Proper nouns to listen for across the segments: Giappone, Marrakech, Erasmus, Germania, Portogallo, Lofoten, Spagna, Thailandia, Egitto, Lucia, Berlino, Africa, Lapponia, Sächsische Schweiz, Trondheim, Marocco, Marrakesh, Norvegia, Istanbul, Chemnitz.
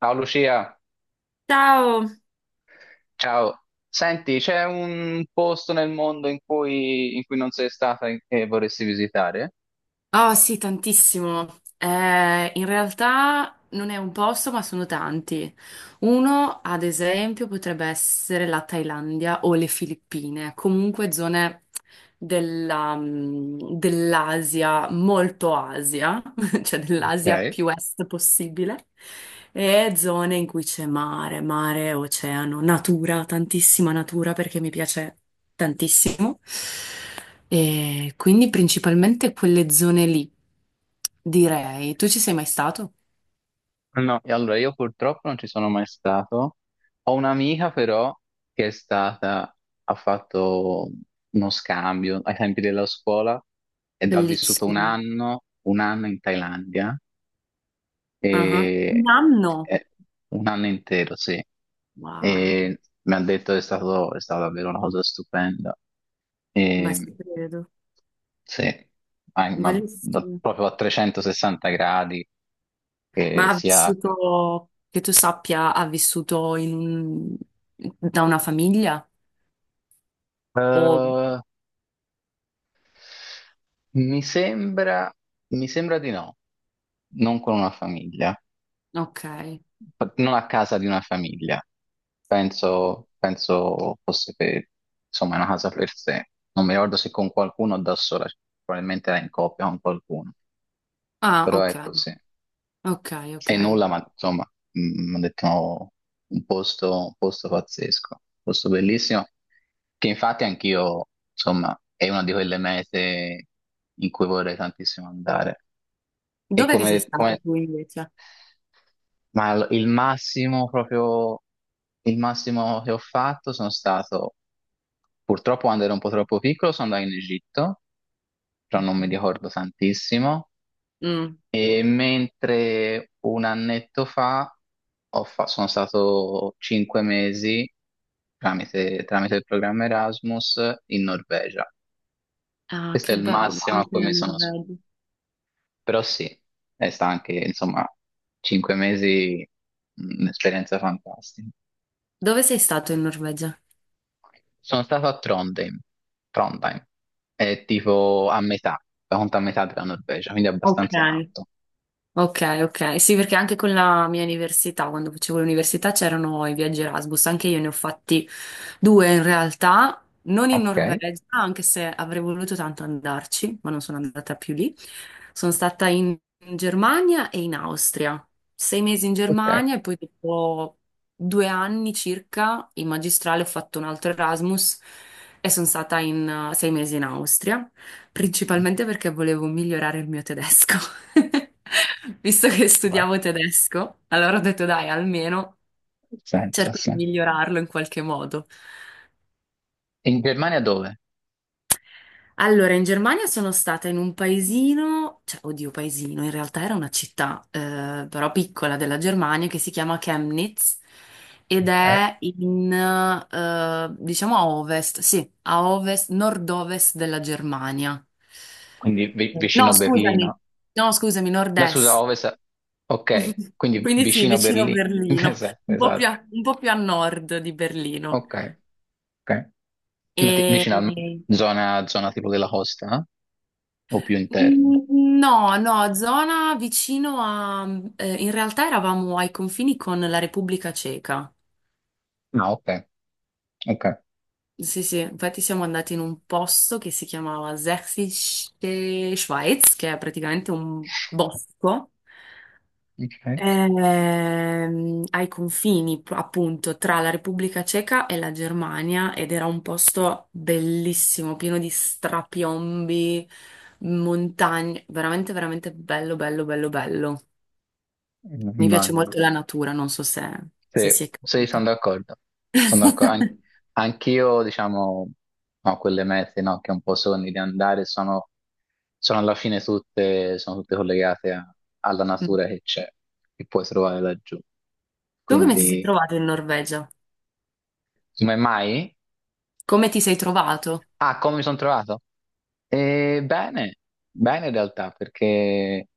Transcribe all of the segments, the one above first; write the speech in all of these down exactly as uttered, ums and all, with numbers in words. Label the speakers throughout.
Speaker 1: Ciao Lucia,
Speaker 2: Ciao!
Speaker 1: ciao. Senti, c'è un posto nel mondo in cui, in cui non sei stata e e vorresti visitare?
Speaker 2: Oh sì, tantissimo. Eh, in realtà non è un posto, ma sono tanti. Uno, ad esempio, potrebbe essere la Thailandia o le Filippine, comunque zone della, mm, dell'Asia, molto Asia. Cioè dell'Asia
Speaker 1: Ok.
Speaker 2: più est possibile, e zone in cui c'è mare, mare, oceano, natura, tantissima natura perché mi piace tantissimo. E quindi principalmente quelle zone lì, direi. Tu ci sei mai stato?
Speaker 1: No, e allora io purtroppo non ci sono mai stato. Ho un'amica però che è stata, ha fatto uno scambio ai tempi della scuola ed ha vissuto un
Speaker 2: Bellissimo.
Speaker 1: anno, un anno in Thailandia.
Speaker 2: Ah,
Speaker 1: E,
Speaker 2: un anno?
Speaker 1: eh, un anno intero, sì.
Speaker 2: Wow,
Speaker 1: E mi ha detto che è stato, è stata davvero una cosa stupenda.
Speaker 2: ma
Speaker 1: E,
Speaker 2: ci credo.
Speaker 1: sì, ma, ma da-
Speaker 2: Bellissimo.
Speaker 1: proprio a trecentosessanta gradi, che
Speaker 2: Ma ha
Speaker 1: sia...
Speaker 2: vissuto, che tu sappia, ha vissuto in un- da una famiglia? O...
Speaker 1: Eh, mi sembra, mi sembra di no, non con una famiglia.
Speaker 2: Ok.
Speaker 1: Non a casa di una famiglia, penso, penso fosse per, insomma, una casa per sé. Non mi ricordo se con qualcuno o da sola, probabilmente era in coppia con qualcuno,
Speaker 2: Ah,
Speaker 1: però
Speaker 2: ok.
Speaker 1: ecco sì.
Speaker 2: Ok, ok,
Speaker 1: E nulla,
Speaker 2: ok.
Speaker 1: ma insomma, mi hanno detto no, un posto, un posto pazzesco, un posto bellissimo, che infatti anch'io, insomma, è una di quelle mete in cui vorrei tantissimo andare. E
Speaker 2: Dov'è che sei
Speaker 1: come,
Speaker 2: stato
Speaker 1: come
Speaker 2: tu invece?
Speaker 1: Ma l- il massimo proprio, il massimo che ho fatto sono stato, purtroppo quando ero un po' troppo piccolo, sono andato in Egitto, però non mi ricordo tantissimo.
Speaker 2: Mm.
Speaker 1: E mentre un annetto fa, ho fa- sono stato cinque mesi tramite, tramite il programma Erasmus in Norvegia.
Speaker 2: Ah,
Speaker 1: Questo è
Speaker 2: che
Speaker 1: il
Speaker 2: bello,
Speaker 1: massimo a
Speaker 2: anche
Speaker 1: cui
Speaker 2: la
Speaker 1: mi sono...
Speaker 2: Norvegia.
Speaker 1: Però sì, è sta anche, insomma, cinque mesi, mh, un'esperienza fantastica.
Speaker 2: Dove sei stato in Norvegia?
Speaker 1: Sono stato a Trondheim. Trondheim è tipo a metà, la conta a metà della Norvegia, quindi
Speaker 2: Ok.
Speaker 1: abbastanza in alto.
Speaker 2: Ok, ok. Sì, perché anche con la mia università, quando facevo l'università, c'erano i viaggi Erasmus. Anche io ne ho fatti due in realtà, non in
Speaker 1: Ok,
Speaker 2: Norvegia, anche se avrei voluto tanto andarci, ma non sono andata più lì. Sono stata in Germania e in Austria. Sei mesi in
Speaker 1: ok.
Speaker 2: Germania e poi dopo due anni circa in magistrale ho fatto un altro Erasmus e sono stata in eh, sei mesi in Austria. Principalmente perché volevo migliorare il mio tedesco. Visto che
Speaker 1: Beh, ha
Speaker 2: studiavo tedesco, allora ho detto dai, almeno
Speaker 1: senso, ha
Speaker 2: cerco di
Speaker 1: senso.
Speaker 2: migliorarlo in qualche modo.
Speaker 1: In Germania dove?
Speaker 2: Allora, in Germania sono stata in un paesino, cioè, oddio, paesino, in realtà era una città, eh, però piccola della Germania, che si chiama Chemnitz ed
Speaker 1: Ok.
Speaker 2: è in, eh, diciamo a ovest, sì, a ovest, nord-ovest della Germania.
Speaker 1: Quindi vi-
Speaker 2: No,
Speaker 1: vicino
Speaker 2: scusami,
Speaker 1: Berlino.
Speaker 2: no, scusami,
Speaker 1: La scusa, a
Speaker 2: nord-est.
Speaker 1: ovest. Ok, quindi
Speaker 2: Quindi sì,
Speaker 1: vicino
Speaker 2: vicino a
Speaker 1: Berlino.
Speaker 2: Berlino,
Speaker 1: Esatto,
Speaker 2: un po' più
Speaker 1: esatto.
Speaker 2: a, un po' più a nord di Berlino.
Speaker 1: Ok, ok. Ma ti- vicino a
Speaker 2: E...
Speaker 1: zona, zona tipo della costa, eh? O più interno?
Speaker 2: Mm, No, no, zona vicino a... eh, in realtà eravamo ai confini con la Repubblica Ceca.
Speaker 1: No, ok, ok.
Speaker 2: Sì, sì, infatti siamo andati in un posto che si chiamava Sächsische Schweiz, che è praticamente un bosco.
Speaker 1: Ok,
Speaker 2: ehm, ai confini pro- appunto tra la Repubblica Ceca e la Germania ed era un posto bellissimo, pieno di strapiombi, montagne, veramente veramente bello, bello, bello, bello. Mi piace
Speaker 1: immagino.
Speaker 2: molto la natura, non so se, se si
Speaker 1: Sì,
Speaker 2: è
Speaker 1: sì, sono
Speaker 2: capito.
Speaker 1: d'accordo. Sono d'accordo. An- anch'io, diciamo, no, quelle mete, no, che un po' sogni di andare sono, sono, alla fine tutte, sono tutte collegate a- alla
Speaker 2: Mm.
Speaker 1: natura che c'è, che puoi trovare laggiù.
Speaker 2: Tu come ti sei
Speaker 1: Quindi,
Speaker 2: trovato in Norvegia?
Speaker 1: come mai?
Speaker 2: Come ti sei trovato?
Speaker 1: Ah, come mi sono trovato? Eh, bene, bene in realtà, perché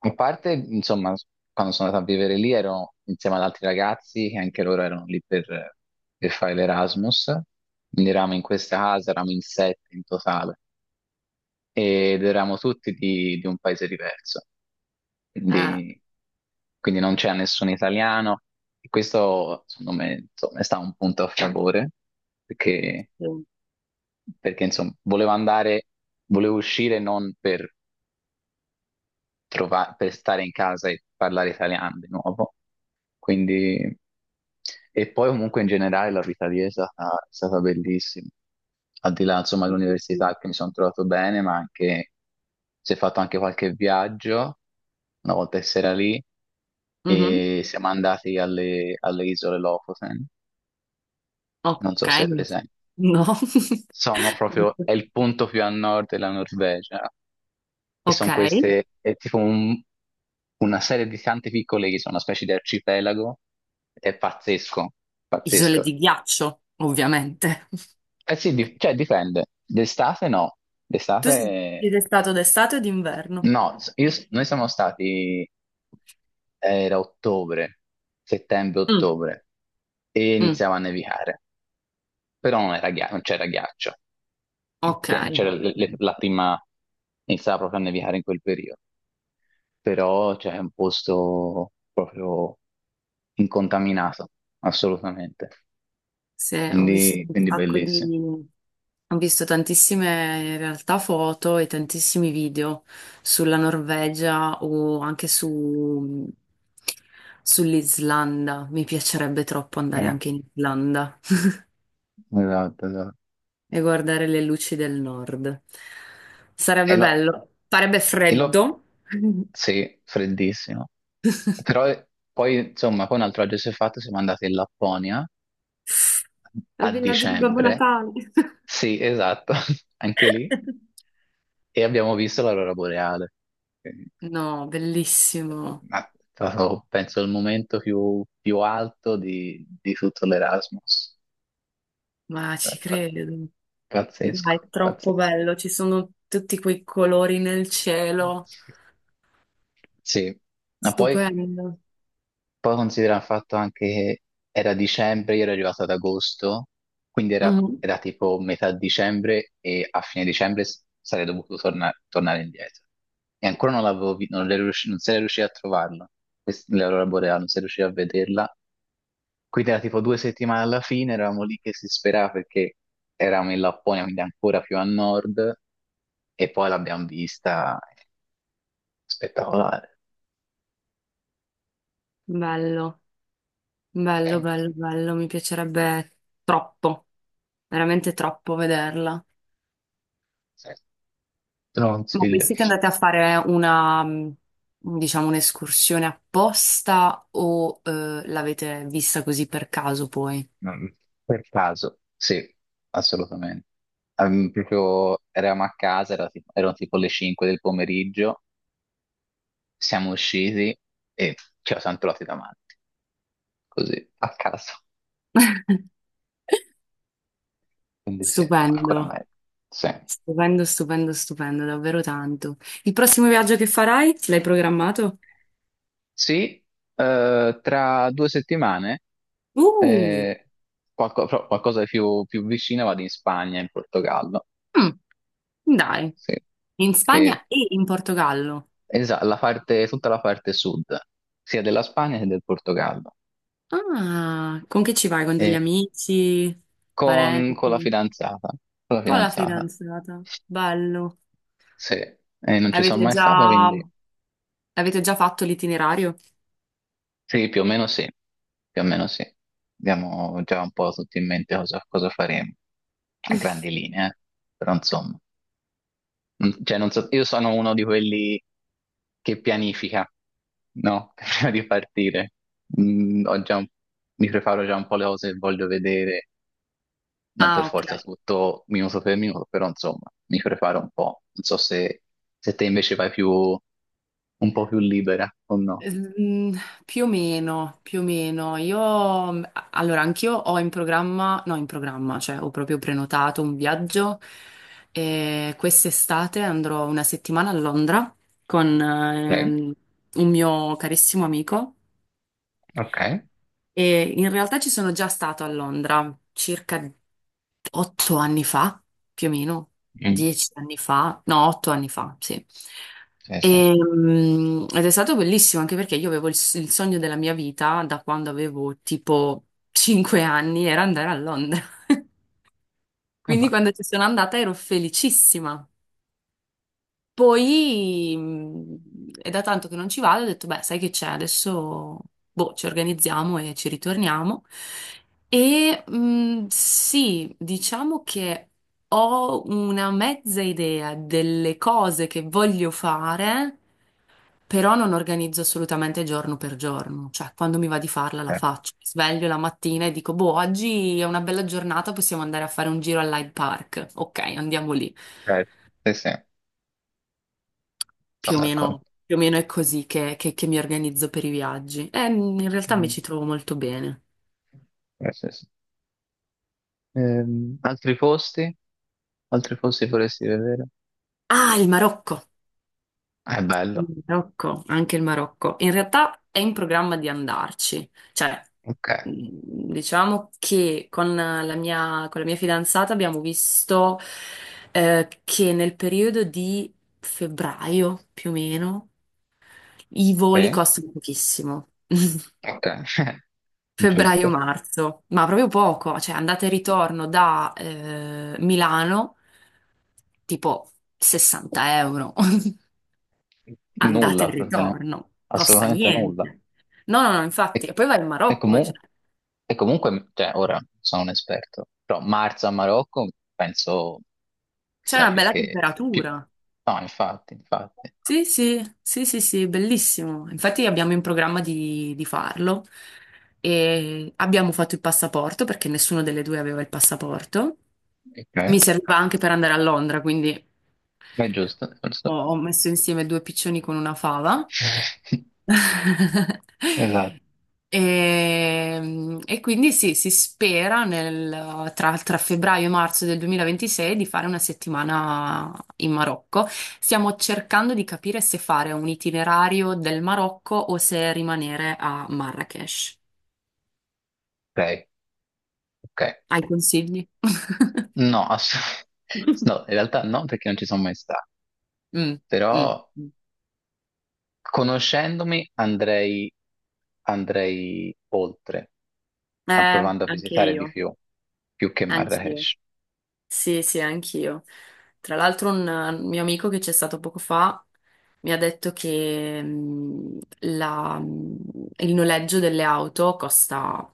Speaker 1: a parte, insomma, quando sono andato a vivere lì ero insieme ad altri ragazzi che anche loro erano lì per, per, fare l'Erasmus, quindi eravamo in questa casa, eravamo in sette in totale ed eravamo tutti di, di un paese diverso,
Speaker 2: Ah,
Speaker 1: quindi, quindi, non c'era nessun italiano, e questo secondo me insomma, è stato un punto a favore perché,
Speaker 2: sì.
Speaker 1: perché insomma, volevo andare, volevo uscire non per trova- per stare in casa e parlare italiano di nuovo. Quindi, e poi comunque in generale la vita lì è stata, è stata bellissima. Al di là, insomma, dell'università, che mi sono trovato bene, ma anche si è fatto anche qualche viaggio una volta che si era lì,
Speaker 2: Mhm.
Speaker 1: e siamo andati alle, alle isole Lofoten,
Speaker 2: Ok,
Speaker 1: non so se è
Speaker 2: no.
Speaker 1: presente.
Speaker 2: No.
Speaker 1: Sono proprio, è il punto più a nord della Norvegia. E
Speaker 2: Ok.
Speaker 1: sono queste, è tipo un- una serie di tante piccole che sono una specie di arcipelago, ed è pazzesco,
Speaker 2: Isole
Speaker 1: pazzesco.
Speaker 2: di ghiaccio, ovviamente.
Speaker 1: Eh sì, di- cioè dipende, d'estate no,
Speaker 2: Tu
Speaker 1: d'estate
Speaker 2: siete stato d'estate o d'inverno?
Speaker 1: no. Io- noi siamo stati, era ottobre,
Speaker 2: Mm,
Speaker 1: settembre-ottobre, e
Speaker 2: mm,
Speaker 1: iniziava a nevicare, però non era ghiaccio, non c'era ghiaccio,
Speaker 2: ok.
Speaker 1: cioè
Speaker 2: Ok.
Speaker 1: c'era l- l- la prima, iniziava proprio a nevicare in quel periodo. Però cioè, è un posto proprio incontaminato, assolutamente.
Speaker 2: Se ho visto
Speaker 1: Quindi,
Speaker 2: un
Speaker 1: quindi
Speaker 2: sacco di...
Speaker 1: bellissimo.
Speaker 2: Ho visto tantissime in realtà foto e tantissimi video sulla Norvegia o anche su... sull'Islanda. Mi piacerebbe troppo andare
Speaker 1: Eh,
Speaker 2: anche in Islanda
Speaker 1: Esatto, esatto.
Speaker 2: e guardare le luci del nord.
Speaker 1: E
Speaker 2: Sarebbe
Speaker 1: lo,
Speaker 2: bello. Farebbe
Speaker 1: e lo-
Speaker 2: freddo.
Speaker 1: sì, freddissimo. Però eh, poi, insomma, poi un altro viaggio si è fatto, siamo andati in Lapponia
Speaker 2: Al
Speaker 1: a
Speaker 2: villaggio di Babbo
Speaker 1: dicembre.
Speaker 2: Natale.
Speaker 1: Sì, esatto, anche lì. E abbiamo visto l'aurora boreale. Quindi,
Speaker 2: No,
Speaker 1: eh,
Speaker 2: bellissimo,
Speaker 1: Ma è stato, penso, il momento più, più alto di, di tutto l'Erasmus.
Speaker 2: ma
Speaker 1: Eh,
Speaker 2: ci
Speaker 1: pa-
Speaker 2: credo.
Speaker 1: Pazzesco,
Speaker 2: Dai, è troppo
Speaker 1: pazzesco.
Speaker 2: bello, ci sono tutti quei colori nel cielo,
Speaker 1: Sì, ma poi,
Speaker 2: stupendo.
Speaker 1: poi considera il fatto anche che era dicembre, io ero arrivato ad agosto, quindi era,
Speaker 2: Mhm.
Speaker 1: era tipo metà dicembre, e a fine dicembre s- sarei dovuto torna- tornare indietro. E ancora non l'avevo vi- non, ero riusci- non sarei riuscito a trovarlo, Quest- l'aurora boreale, non sarei riuscito a vederla. Quindi era tipo due settimane alla fine, eravamo lì che si sperava, perché eravamo in Lapponia, quindi ancora più a nord, e poi l'abbiamo vista spettacolare.
Speaker 2: Bello, bello,
Speaker 1: Te
Speaker 2: bello, bello, mi piacerebbe troppo, veramente troppo vederla.
Speaker 1: lo
Speaker 2: Ma voi
Speaker 1: consiglio.
Speaker 2: siete andate a fare una, mh, diciamo, un'escursione apposta o eh, l'avete vista così per caso poi?
Speaker 1: Mm, Per caso, sì, assolutamente. Ehm, proprio eravamo a casa, era tipo- erano tipo le cinque del pomeriggio, siamo usciti e ci siamo trovati davanti, così, a caso. Quindi sì,
Speaker 2: Stupendo.
Speaker 1: ancora meglio. Sì.
Speaker 2: Stupendo, stupendo, stupendo, davvero tanto. Il prossimo viaggio che farai? L'hai programmato?
Speaker 1: Sì, eh, tra due settimane,
Speaker 2: Uh,
Speaker 1: eh, qualco- però qualcosa di più, più, vicino, vado in Spagna, in Portogallo,
Speaker 2: mm, dai,
Speaker 1: sì.
Speaker 2: in
Speaker 1: Che,
Speaker 2: Spagna e in Portogallo.
Speaker 1: esa- la parte- tutta la parte sud, sia della Spagna che del Portogallo.
Speaker 2: Ah, con chi ci vai? Con degli
Speaker 1: E
Speaker 2: amici,
Speaker 1: con, con la
Speaker 2: parenti,
Speaker 1: fidanzata, con la
Speaker 2: con la
Speaker 1: fidanzata,
Speaker 2: fidanzata. Bello.
Speaker 1: sì. E non ci sono
Speaker 2: Avete
Speaker 1: mai stato,
Speaker 2: già,
Speaker 1: quindi
Speaker 2: avete già fatto l'itinerario?
Speaker 1: sì, più o meno sì, più o meno sì. Abbiamo già un po' tutti in mente cosa, cosa faremo, a grandi linee, eh. Però insomma. Mm, Cioè, non so, io sono uno di quelli che pianifica, no? Prima di partire. Mm, ho già un- Mi preparo già un po' le cose che voglio vedere, non per
Speaker 2: Ah, ok.
Speaker 1: forza tutto minuto per minuto, però insomma, mi preparo un po'. Non so se, se, te invece vai più, un po' più libera o no.
Speaker 2: Mm, Più o meno, più o meno. Io, mm, a- allora, anch'io ho in programma, no, in programma, cioè ho proprio prenotato un viaggio e quest'estate andrò una settimana a Londra con
Speaker 1: Sì,
Speaker 2: ehm, un mio carissimo amico
Speaker 1: ok.
Speaker 2: e in realtà ci sono già stato a Londra circa otto anni fa, più o meno,
Speaker 1: Mm,
Speaker 2: dieci anni fa, no, otto anni fa, sì.
Speaker 1: sì, sì.
Speaker 2: E, mm, ed è stato bellissimo anche perché io avevo il, s- il sogno della mia vita da quando avevo tipo cinque anni, era andare a Londra.
Speaker 1: Vabbè,
Speaker 2: Quindi quando ci sono andata ero felicissima. Poi mh, è da tanto che non ci vado, ho detto, beh, sai che c'è, adesso boh, ci organizziamo e ci ritorniamo. E mh, sì, diciamo che ho una mezza idea delle cose che voglio fare, però non organizzo assolutamente giorno per giorno, cioè quando mi va di farla la
Speaker 1: ok,
Speaker 2: faccio. Mi sveglio la mattina e dico, boh, oggi è una bella giornata, possiamo andare a fare un giro all'Hyde Park. Ok, andiamo lì.
Speaker 1: ok. Sì, sì, sono
Speaker 2: Più o meno,
Speaker 1: d'accordo.
Speaker 2: più o meno è così che, che- che mi organizzo per i viaggi. E in realtà mi
Speaker 1: Mm,
Speaker 2: ci trovo molto bene.
Speaker 1: sì, sì, sì. Ehm, altri posti? Altri posti vorresti vedere?
Speaker 2: Ah, il Marocco!
Speaker 1: Ah, è bello.
Speaker 2: Il Marocco, anche il Marocco. In realtà è in programma di andarci. Cioè,
Speaker 1: Ok,
Speaker 2: mh, diciamo che con la mia, con la mia fidanzata abbiamo visto eh, che nel periodo di febbraio, più o meno, i voli
Speaker 1: sì,
Speaker 2: costano pochissimo.
Speaker 1: ok, giusto.
Speaker 2: Febbraio-marzo, ma proprio poco, cioè andate e ritorno da eh, Milano, tipo sessanta euro, andate e
Speaker 1: Nulla, praticamente.
Speaker 2: ritorno, costa
Speaker 1: Assolutamente nulla.
Speaker 2: niente. No, no, no,
Speaker 1: E,
Speaker 2: infatti, e poi vai in
Speaker 1: e
Speaker 2: Marocco, cioè,
Speaker 1: comu- e comunque, cioè, ora non sono un esperto, però marzo a Marocco, penso
Speaker 2: c'è
Speaker 1: sia
Speaker 2: una
Speaker 1: più
Speaker 2: bella
Speaker 1: che... Più...
Speaker 2: temperatura.
Speaker 1: No, infatti, infatti.
Speaker 2: Sì, sì, sì, sì, sì, bellissimo. Infatti abbiamo in programma di, di farlo e abbiamo fatto il passaporto perché nessuno delle due aveva il passaporto.
Speaker 1: Ok,
Speaker 2: Mi serviva anche per andare a Londra, quindi
Speaker 1: è giusto, è
Speaker 2: ho,
Speaker 1: giusto.
Speaker 2: ho messo insieme due piccioni con una fava.
Speaker 1: Esatto.
Speaker 2: E, e quindi sì, si spera nel- tra, tra febbraio e marzo del duemilaventisei di fare una settimana in Marocco. Stiamo cercando di capire se fare un itinerario del Marocco o se rimanere a Marrakech.
Speaker 1: Ok, ok.
Speaker 2: Hai consigli?
Speaker 1: No, ass- no, in realtà no, perché non ci sono mai stato,
Speaker 2: Mm, mm,
Speaker 1: però
Speaker 2: mm.
Speaker 1: conoscendomi andrei, andrei, oltre, a-
Speaker 2: Eh,
Speaker 1: provando a
Speaker 2: anche
Speaker 1: visitare di
Speaker 2: io.
Speaker 1: più, più che
Speaker 2: Anch'io.
Speaker 1: Marrakesh.
Speaker 2: Sì, sì, anch'io. Tra l'altro un eh, mio amico che c'è stato poco fa mi ha detto che mh, la- mh, il noleggio delle auto costa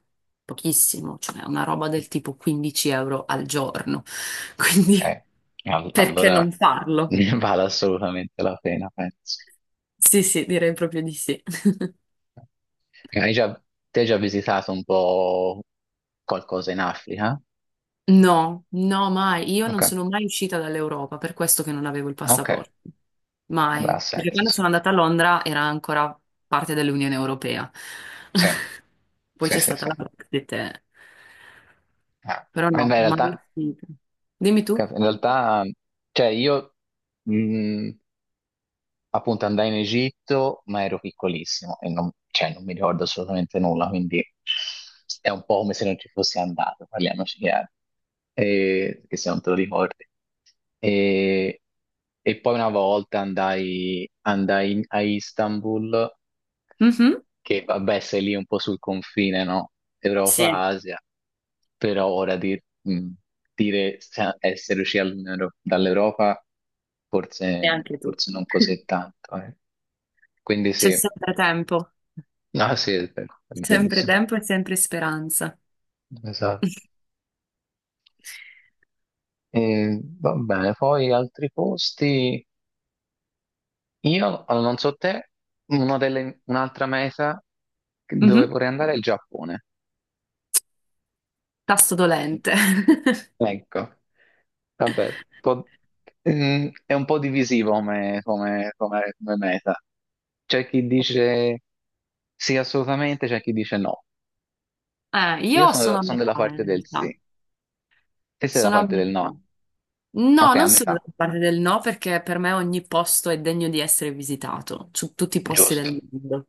Speaker 2: pochissimo, cioè una roba del tipo quindici euro al giorno. Quindi
Speaker 1: Ok, All-
Speaker 2: perché
Speaker 1: allora
Speaker 2: non farlo?
Speaker 1: ne vale assolutamente la pena, penso.
Speaker 2: Sì, sì, direi proprio di sì.
Speaker 1: Ok, Hai già, te hai già visitato un po' qualcosa in Africa?
Speaker 2: No, no, mai. Io non
Speaker 1: Ok,
Speaker 2: sono mai uscita dall'Europa, per questo che non avevo il
Speaker 1: ok,
Speaker 2: passaporto.
Speaker 1: vabbè, ha
Speaker 2: Mai. Perché
Speaker 1: senso,
Speaker 2: quando
Speaker 1: sì.
Speaker 2: sono andata a Londra era ancora parte dell'Unione Europea.
Speaker 1: Sì,
Speaker 2: Poi
Speaker 1: sì,
Speaker 2: c'è
Speaker 1: sì,
Speaker 2: stata
Speaker 1: sì.
Speaker 2: la Brexit. Eh.
Speaker 1: Ah.
Speaker 2: Però
Speaker 1: Ma
Speaker 2: no,
Speaker 1: in
Speaker 2: mai
Speaker 1: realtà,
Speaker 2: uscita. Dimmi tu.
Speaker 1: in realtà, cioè io... mm, appunto andai in Egitto, ma ero piccolissimo e non, cioè, non mi ricordo assolutamente nulla, quindi è un po' come se non ci fossi andato, parliamoci chiaro, e, che se non te lo ricordi. E, e poi una volta andai, andai in- a Istanbul,
Speaker 2: Mhm.
Speaker 1: che vabbè, sei lì un po' sul confine, no?
Speaker 2: Sì, e
Speaker 1: Europa-Asia, però ora di- mh, dire se- essere usciti dall'Unione Euro- dall'Europa, forse,
Speaker 2: anche tu.
Speaker 1: forse non così tanto, eh. Quindi
Speaker 2: C'è
Speaker 1: sì,
Speaker 2: sempre tempo.
Speaker 1: ah sì, è vero, è
Speaker 2: Sempre
Speaker 1: verissimo.
Speaker 2: tempo e sempre speranza.
Speaker 1: Esatto. E, va bene, poi altri posti. Io, allora, non so te, una delle- un'altra meta dove
Speaker 2: Mhm.
Speaker 1: vorrei andare è il Giappone.
Speaker 2: Tasto dolente.
Speaker 1: Ecco, vabbè, un po'- mm, è un po' divisivo come, come- come- come meta. C'è chi dice sì assolutamente, c'è chi dice no.
Speaker 2: Eh,
Speaker 1: Io
Speaker 2: io sono
Speaker 1: sono,
Speaker 2: a
Speaker 1: sono della
Speaker 2: metà in
Speaker 1: parte del
Speaker 2: realtà.
Speaker 1: sì, te sei della
Speaker 2: Sono a
Speaker 1: parte del no.
Speaker 2: metà. No,
Speaker 1: Ok, a
Speaker 2: non sono
Speaker 1: metà.
Speaker 2: dalla parte del no perché per me ogni posto è degno di essere visitato, su tutti i posti
Speaker 1: Giusto,
Speaker 2: del mondo.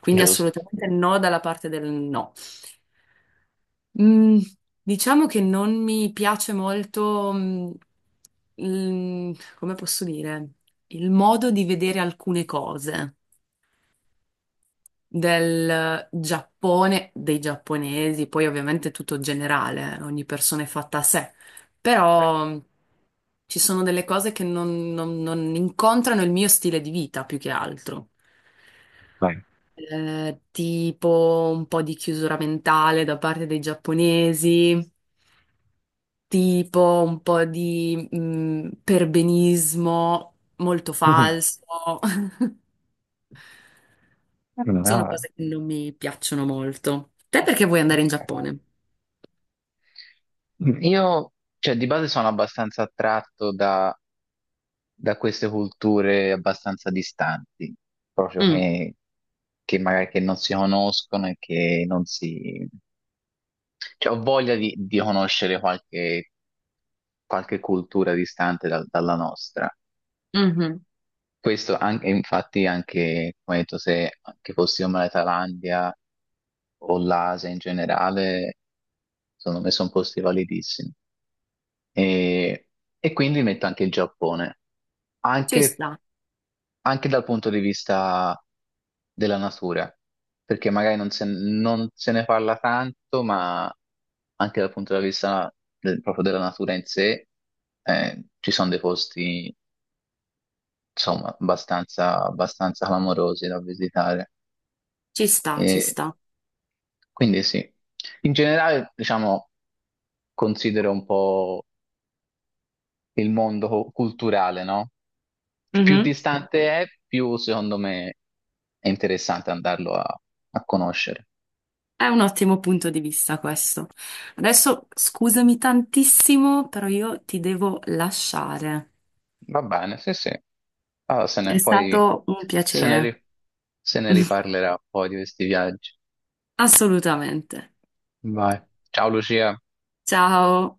Speaker 2: Quindi
Speaker 1: giusto.
Speaker 2: assolutamente no dalla parte del no. Mm, diciamo che non mi piace molto, mm, il- come posso dire, il modo di vedere alcune cose del Giappone, dei giapponesi, poi ovviamente tutto generale, eh, ogni persona è fatta a sé, però mh, ci sono delle cose che non, non- non incontrano il mio stile di vita più che altro.
Speaker 1: Vai.
Speaker 2: Eh, tipo un po' di chiusura mentale da parte dei giapponesi, tipo un po' di mh, perbenismo molto falso. Sono
Speaker 1: No,
Speaker 2: cose che non mi piacciono molto. Te perché vuoi andare in Giappone?
Speaker 1: io, cioè, di base sono abbastanza attratto da queste culture abbastanza distanti, proprio
Speaker 2: Mm,
Speaker 1: che, che magari che non si conoscono e che non si... Cioè, ho voglia di, di conoscere qualche, qualche cultura distante dal- dalla nostra.
Speaker 2: mhm.
Speaker 1: Questo anche, infatti anche, come hai detto, se anche fossimo la Thailandia o l'Asia in generale, secondo me sono posti validissimi. E, e quindi metto anche il Giappone,
Speaker 2: Ci
Speaker 1: anche
Speaker 2: sta,
Speaker 1: anche dal punto di vista della natura, perché magari non se, non se ne parla tanto, ma anche dal punto di vista del- proprio della natura in sé, eh, ci sono dei posti, insomma, abbastanza, abbastanza clamorosi da visitare.
Speaker 2: ci sta, ci
Speaker 1: E
Speaker 2: sta.
Speaker 1: quindi sì, in generale, diciamo, considero un po' il mondo co- culturale, no? Più
Speaker 2: Mhm.
Speaker 1: distante è, più secondo me è interessante andarlo a a conoscere.
Speaker 2: È un ottimo punto di vista questo. Adesso scusami tantissimo, però io ti devo lasciare.
Speaker 1: Va bene, sì, sì. Ah, se
Speaker 2: È
Speaker 1: ne, poi
Speaker 2: stato un
Speaker 1: se ne,
Speaker 2: piacere.
Speaker 1: ri- se ne riparlerà un po' di questi viaggi.
Speaker 2: Assolutamente.
Speaker 1: Vai. Ciao Lucia.
Speaker 2: Ciao.